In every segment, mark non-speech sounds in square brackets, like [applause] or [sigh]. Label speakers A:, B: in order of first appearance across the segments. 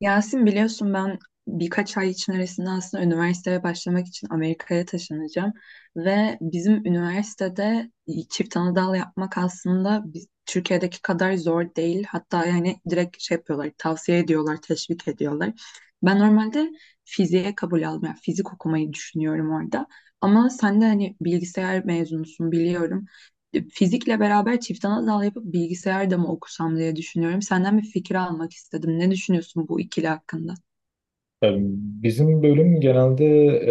A: Yasin biliyorsun ben birkaç ay içerisinde aslında üniversiteye başlamak için Amerika'ya taşınacağım ve bizim üniversitede çift anadal yapmak aslında biz, Türkiye'deki kadar zor değil. Hatta yani direkt şey yapıyorlar, tavsiye ediyorlar, teşvik ediyorlar. Ben normalde fiziğe kabul aldım. Yani fizik okumayı düşünüyorum orada. Ama sen de hani bilgisayar mezunusun biliyorum. Fizikle beraber çift ana dal yapıp bilgisayar da mı okusam diye düşünüyorum. Senden bir fikir almak istedim. Ne düşünüyorsun bu ikili hakkında?
B: Yani bizim bölüm genelde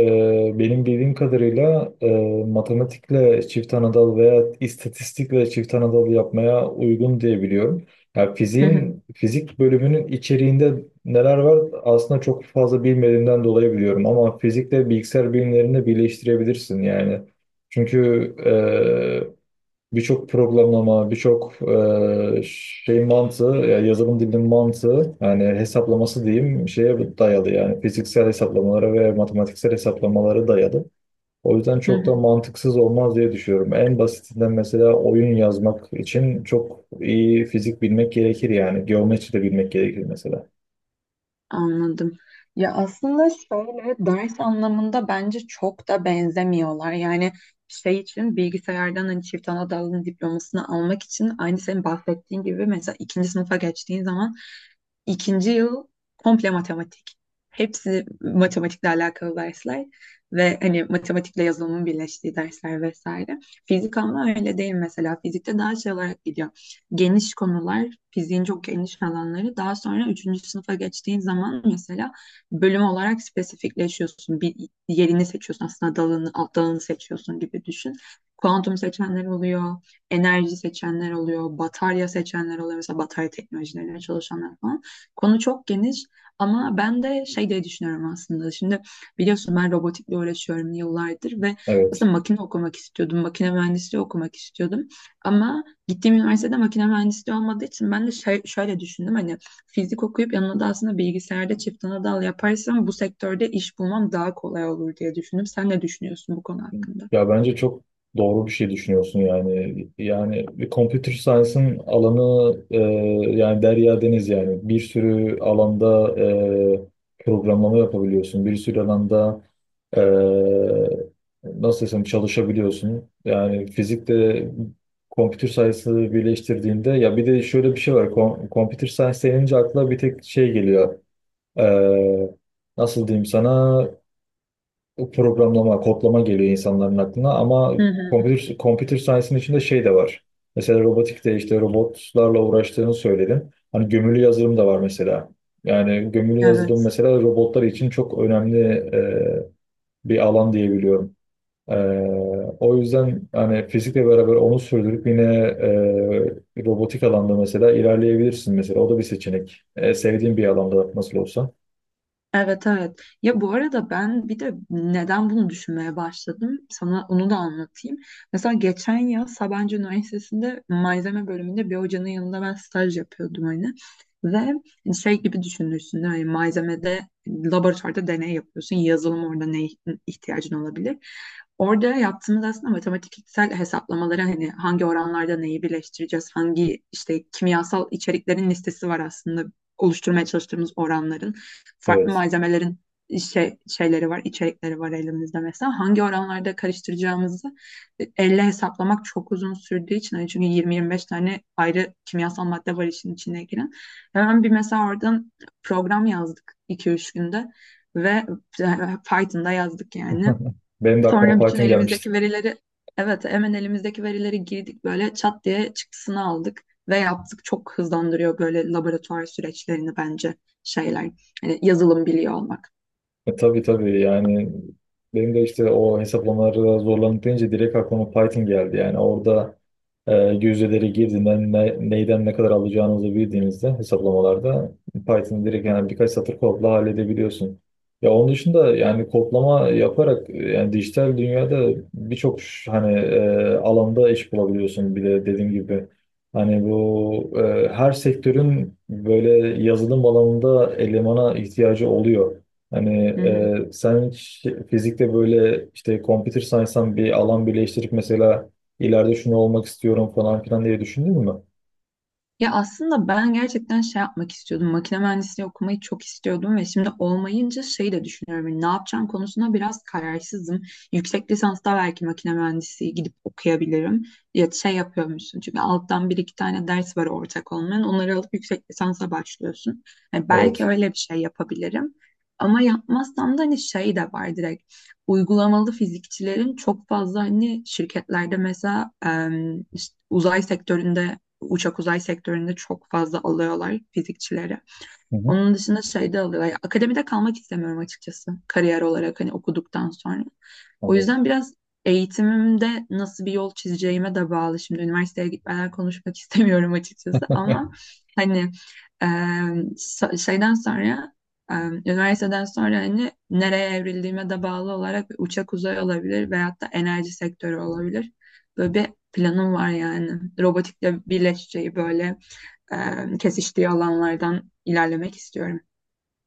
B: benim bildiğim kadarıyla matematikle çift anadal veya istatistikle çift anadal yapmaya uygun diye biliyorum. Ya
A: Hı hı,
B: fiziğin fizik bölümünün içeriğinde neler var aslında çok fazla bilmediğimden dolayı biliyorum ama fizikle bilgisayar bilimlerini birleştirebilirsin yani. Çünkü e, birçok programlama, birçok şey mantığı, ya yazılım dilinin mantığı, yani hesaplaması diyeyim şeye dayalı yani fiziksel hesaplamalara ve matematiksel hesaplamalara dayalı. O yüzden
A: hı
B: çok da
A: hı.
B: mantıksız olmaz diye düşünüyorum. En basitinden mesela oyun yazmak için çok iyi fizik bilmek gerekir yani. Geometri de bilmek gerekir mesela.
A: Anladım. Ya aslında şöyle ders anlamında bence çok da benzemiyorlar. Yani şey için bilgisayardan hani çift ana dalın diplomasını almak için aynı senin bahsettiğin gibi mesela ikinci sınıfa geçtiğin zaman İkinci yıl komple matematik. Hepsi matematikle alakalı dersler ve hani matematikle yazılımın birleştiği dersler vesaire. Fizik ama öyle değil mesela. Fizikte daha şey olarak gidiyor. Geniş konular, fiziğin çok geniş alanları. Daha sonra üçüncü sınıfa geçtiğin zaman mesela bölüm olarak spesifikleşiyorsun. Bir yerini seçiyorsun aslında dalını, alt dalını seçiyorsun gibi düşün. Kuantum seçenler oluyor, enerji seçenler oluyor, batarya seçenler oluyor. Mesela batarya teknolojileriyle çalışanlar falan. Konu çok geniş ama ben de şey diye düşünüyorum aslında. Şimdi biliyorsun ben robotikle uğraşıyorum yıllardır ve
B: Evet.
A: aslında makine okumak istiyordum. Makine mühendisliği okumak istiyordum. Ama gittiğim üniversitede makine mühendisliği olmadığı için ben de şey, şöyle düşündüm. Hani fizik okuyup yanına da aslında bilgisayarda çift ana dal yaparsam bu sektörde iş bulmam daha kolay olur diye düşündüm. Sen ne düşünüyorsun bu konu hakkında?
B: Ya bence çok doğru bir şey düşünüyorsun yani. Yani bir computer science'ın alanı yani derya deniz yani. Bir sürü alanda programlama yapabiliyorsun. Bir sürü alanda e, nasıl desem çalışabiliyorsun. Yani fizikte computer science'ı birleştirdiğinde ya bir de şöyle bir şey var. Computer science denince akla bir tek şey geliyor. E, Nasıl diyeyim sana? O programlama, kodlama geliyor insanların aklına ama
A: Hı hı.
B: computer science'ın içinde şey de var. Mesela robotikte işte robotlarla uğraştığını söyledin. Hani gömülü yazılım da var mesela. Yani gömülü yazılım
A: Evet.
B: mesela robotlar için çok önemli bir alan diyebiliyorum. Ee, O yüzden hani fizikle beraber onu sürdürüp yine robotik alanda mesela ilerleyebilirsin mesela. O da bir seçenek. E, sevdiğin bir alanda nasıl olsa.
A: Evet, evet. Ya bu arada ben bir de neden bunu düşünmeye başladım? Sana onu da anlatayım. Mesela geçen yıl Sabancı Üniversitesi'nde malzeme bölümünde bir hocanın yanında ben staj yapıyordum hani. Ve hani, şey gibi düşünürsün hani malzemede hani, laboratuvarda deney yapıyorsun. Yazılım orada ne ihtiyacın olabilir? Orada yaptığımız aslında matematiksel hesaplamaları hani hangi oranlarda neyi birleştireceğiz, hangi işte kimyasal içeriklerin listesi var aslında oluşturmaya çalıştığımız oranların farklı
B: Evet.
A: malzemelerin şey, şeyleri var, içerikleri var elimizde mesela. Hangi oranlarda karıştıracağımızı elle hesaplamak çok uzun sürdüğü için. Yani çünkü 20-25 tane ayrı kimyasal madde var işin içine giren. Hemen bir mesela oradan program yazdık iki üç günde ve e, Python'da yazdık yani.
B: Benim de aklıma
A: Sonra bütün
B: Python gelmişti.
A: elimizdeki verileri evet hemen elimizdeki verileri girdik böyle çat diye çıktısını aldık ve yaptık. Çok hızlandırıyor böyle laboratuvar süreçlerini bence şeyler. Hani yazılım biliyor olmak.
B: Tabii, tabii yani benim de işte o hesaplamaları zorlanıp deyince direkt aklıma Python geldi. Yani orada e, yüzdeleri girdiğinden neyden ne kadar alacağınızı bildiğinizde hesaplamalarda Python'ı direkt yani birkaç satır kodla halledebiliyorsun. Ya onun dışında yani kodlama yaparak yani dijital dünyada birçok hani alanda iş bulabiliyorsun. Bir de dediğim gibi hani bu her sektörün böyle yazılım alanında elemana ihtiyacı oluyor. Hani
A: Hı hı.
B: sen hiç fizikte böyle işte computer science'dan bir alan birleştirip mesela ileride şunu olmak istiyorum falan filan diye düşündün mü?
A: Ya aslında ben gerçekten şey yapmak istiyordum. Makine mühendisliği okumayı çok istiyordum ve şimdi olmayınca şey de düşünüyorum. Hani ne yapacağım konusunda biraz kararsızım. Yüksek lisansta belki makine mühendisliği gidip okuyabilirim. Ya şey yapıyormuşsun çünkü alttan bir iki tane ders var ortak olmayan. Onları alıp yüksek lisansa başlıyorsun. Yani belki
B: Evet.
A: öyle bir şey yapabilirim. Ama yapmazsam da hani şey de var direkt. Uygulamalı fizikçilerin çok fazla hani şirketlerde mesela işte uzay sektöründe uçak uzay sektöründe çok fazla alıyorlar fizikçileri.
B: Hı hı.
A: Onun dışında şeyde alıyorlar. Ya, akademide kalmak istemiyorum açıkçası kariyer olarak hani okuduktan sonra. O
B: Anladım.
A: yüzden biraz eğitimimde nasıl bir yol çizeceğime de bağlı. Şimdi üniversiteye gitmeden konuşmak [laughs] istemiyorum açıkçası ama hani e, şeyden sonra üniversiteden sonra hani nereye evrildiğime de bağlı olarak bir uçak uzay olabilir veyahut da enerji sektörü olabilir. Böyle bir planım var yani. Robotikle birleşeceği böyle kesiştiği alanlardan ilerlemek istiyorum.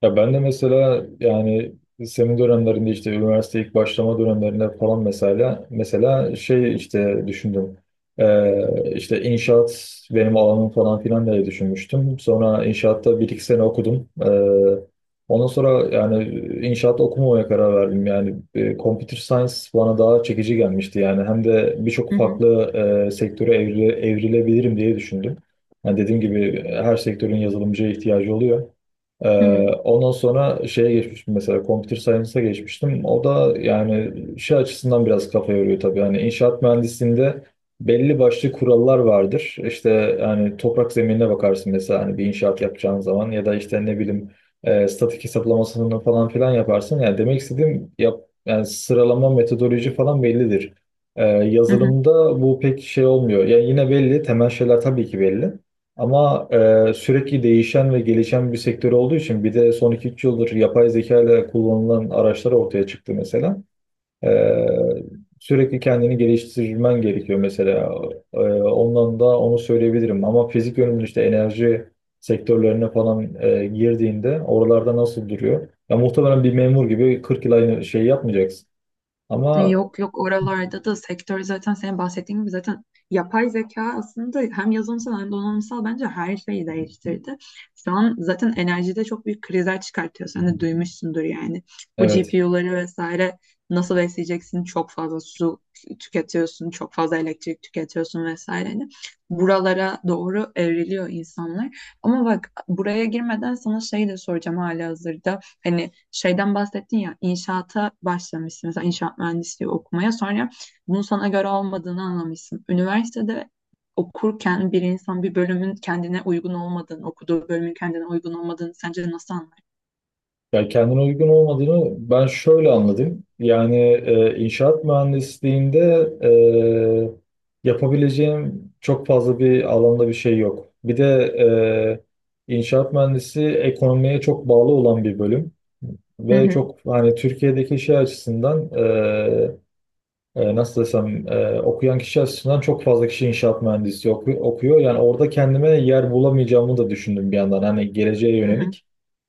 B: Ya ben de mesela yani senin dönemlerinde işte üniversite ilk başlama dönemlerinde falan mesela şey işte düşündüm. İşte inşaat benim alanım falan filan diye düşünmüştüm. Sonra inşaatta bir iki sene okudum. Ondan sonra yani inşaat okumamaya karar verdim. Yani computer science bana daha çekici gelmişti. Yani hem de birçok
A: Hı hı,
B: farklı sektöre evrilebilirim diye düşündüm. Yani dediğim gibi her sektörün yazılımcıya ihtiyacı oluyor. Ee,
A: hı hı,
B: Ondan sonra şeye geçmiştim mesela computer science'a geçmiştim. O da yani şey açısından biraz kafa yoruyor tabii. Hani inşaat mühendisliğinde belli başlı kurallar vardır. İşte yani toprak zeminine bakarsın mesela hani bir inşaat yapacağın zaman ya da işte ne bileyim statik hesaplamasını falan filan yaparsın. Yani demek istediğim yani sıralama metodoloji falan bellidir.
A: hı hı.
B: Yazılımda bu pek şey olmuyor. Yani yine belli temel şeyler tabii ki belli. Ama sürekli değişen ve gelişen bir sektör olduğu için bir de son iki üç yıldır yapay zeka ile kullanılan araçlar ortaya çıktı mesela. E, Sürekli kendini geliştirmen gerekiyor mesela. E, Ondan da onu söyleyebilirim. Ama fizik yönümün işte enerji sektörlerine falan girdiğinde oralarda nasıl duruyor? Ya muhtemelen bir memur gibi 40 yıl aynı şeyi yapmayacaksın.
A: E,
B: Ama
A: yok yok, oralarda da sektör zaten senin bahsettiğin gibi zaten yapay zeka aslında hem yazılımsal hem donanımsal bence her şeyi değiştirdi. Şu an zaten enerjide çok büyük krizler çıkartıyor. Sen de duymuşsundur yani. Bu
B: evet.
A: GPU'ları vesaire nasıl besleyeceksin? Çok fazla su tüketiyorsun, çok fazla elektrik tüketiyorsun vesaire. Hani buralara doğru evriliyor insanlar. Ama bak buraya girmeden sana şey de soracağım halihazırda. Hani şeyden bahsettin ya, inşaata başlamışsın mesela inşaat mühendisliği okumaya sonra bunun sana göre olmadığını anlamışsın. Üniversitede okurken bir insan bir bölümün kendine uygun olmadığını, okuduğu bölümün kendine uygun olmadığını sence nasıl anlar?
B: Ya kendine uygun olmadığını ben şöyle anladım. Yani inşaat mühendisliğinde yapabileceğim çok fazla bir alanda bir şey yok. Bir de inşaat mühendisi ekonomiye çok bağlı olan bir bölüm
A: Hı
B: ve
A: hı,
B: çok hani Türkiye'deki şey açısından nasıl desem okuyan kişi açısından çok fazla kişi inşaat mühendisi okuyor. Yani orada kendime yer bulamayacağımı da düşündüm bir yandan hani geleceğe
A: hı hı,
B: yönelik.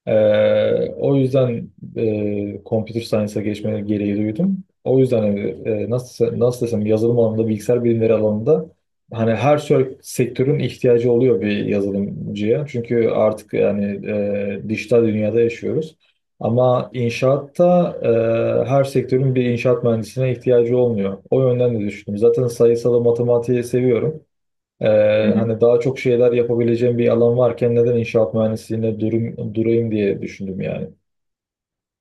B: O yüzden computer science'a geçme gereği duydum. O yüzden hani, nasıl desem yazılım alanında, bilgisayar bilimleri alanında hani her sektörün ihtiyacı oluyor bir yazılımcıya. Çünkü artık yani dijital dünyada yaşıyoruz. Ama inşaatta her sektörün bir inşaat mühendisine ihtiyacı olmuyor. O yönden de düşündüm. Zaten sayısalı matematiği seviyorum. Ee,
A: hı hı.
B: Hani daha çok şeyler yapabileceğim bir alan varken neden inşaat mühendisliğine durayım diye düşündüm yani.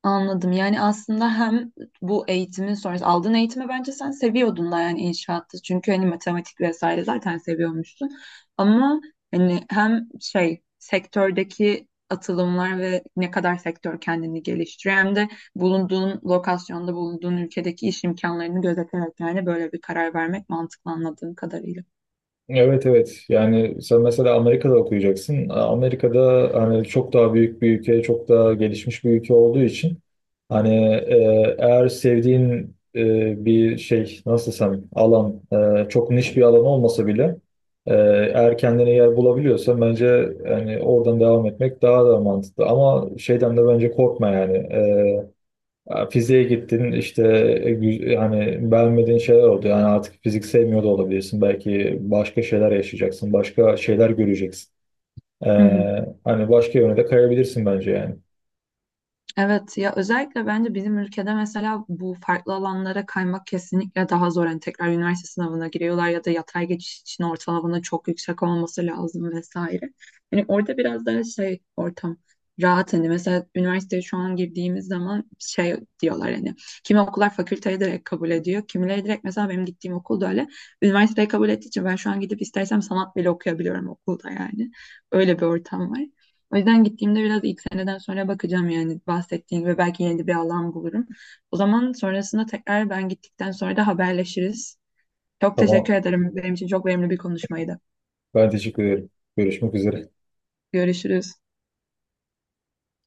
A: Anladım. Yani aslında hem bu eğitimin sonrası aldığın eğitimi bence sen seviyordun da yani inşaatta. Çünkü hani matematik vesaire zaten seviyormuşsun. Ama hani hem şey sektördeki atılımlar ve ne kadar sektör kendini geliştiriyor hem de bulunduğun lokasyonda bulunduğun ülkedeki iş imkanlarını gözeterek yani böyle bir karar vermek mantıklı anladığım kadarıyla.
B: Evet, evet, yani sen mesela Amerika'da okuyacaksın. Amerika'da hani çok daha büyük bir ülke, çok daha gelişmiş bir ülke olduğu için hani eğer sevdiğin bir şey nasıl desem alan çok niş bir alan olmasa bile e, eğer kendine yer bulabiliyorsan bence yani oradan devam etmek daha da mantıklı. Ama şeyden de bence korkma yani. Ya fiziğe gittin işte hani beğenmediğin şeyler oldu. Yani artık fizik sevmiyor da olabilirsin. Belki başka şeyler yaşayacaksın. Başka şeyler göreceksin. Ee, Hani başka yöne de kayabilirsin bence yani.
A: Evet ya, özellikle bence bizim ülkede mesela bu farklı alanlara kaymak kesinlikle daha zor. Hani tekrar üniversite sınavına giriyorlar ya da yatay geçiş için ortalamanın çok yüksek olması lazım vesaire. Hani orada biraz daha şey ortam rahat, hani mesela üniversiteye şu an girdiğimiz zaman şey diyorlar hani kimi okullar fakülteye direkt kabul ediyor. Kimileri direkt mesela benim gittiğim okulda öyle üniversiteye kabul ettiği için ben şu an gidip istersem sanat bile okuyabiliyorum okulda yani. Öyle bir ortam var. O yüzden gittiğimde biraz ilk seneden sonra bakacağım yani bahsettiğin ve belki yeni bir alan bulurum. O zaman sonrasında tekrar ben gittikten sonra da haberleşiriz. Çok
B: Tamam.
A: teşekkür ederim. Benim için çok verimli bir konuşmaydı.
B: Ben teşekkür ederim. Görüşmek üzere.
A: Görüşürüz.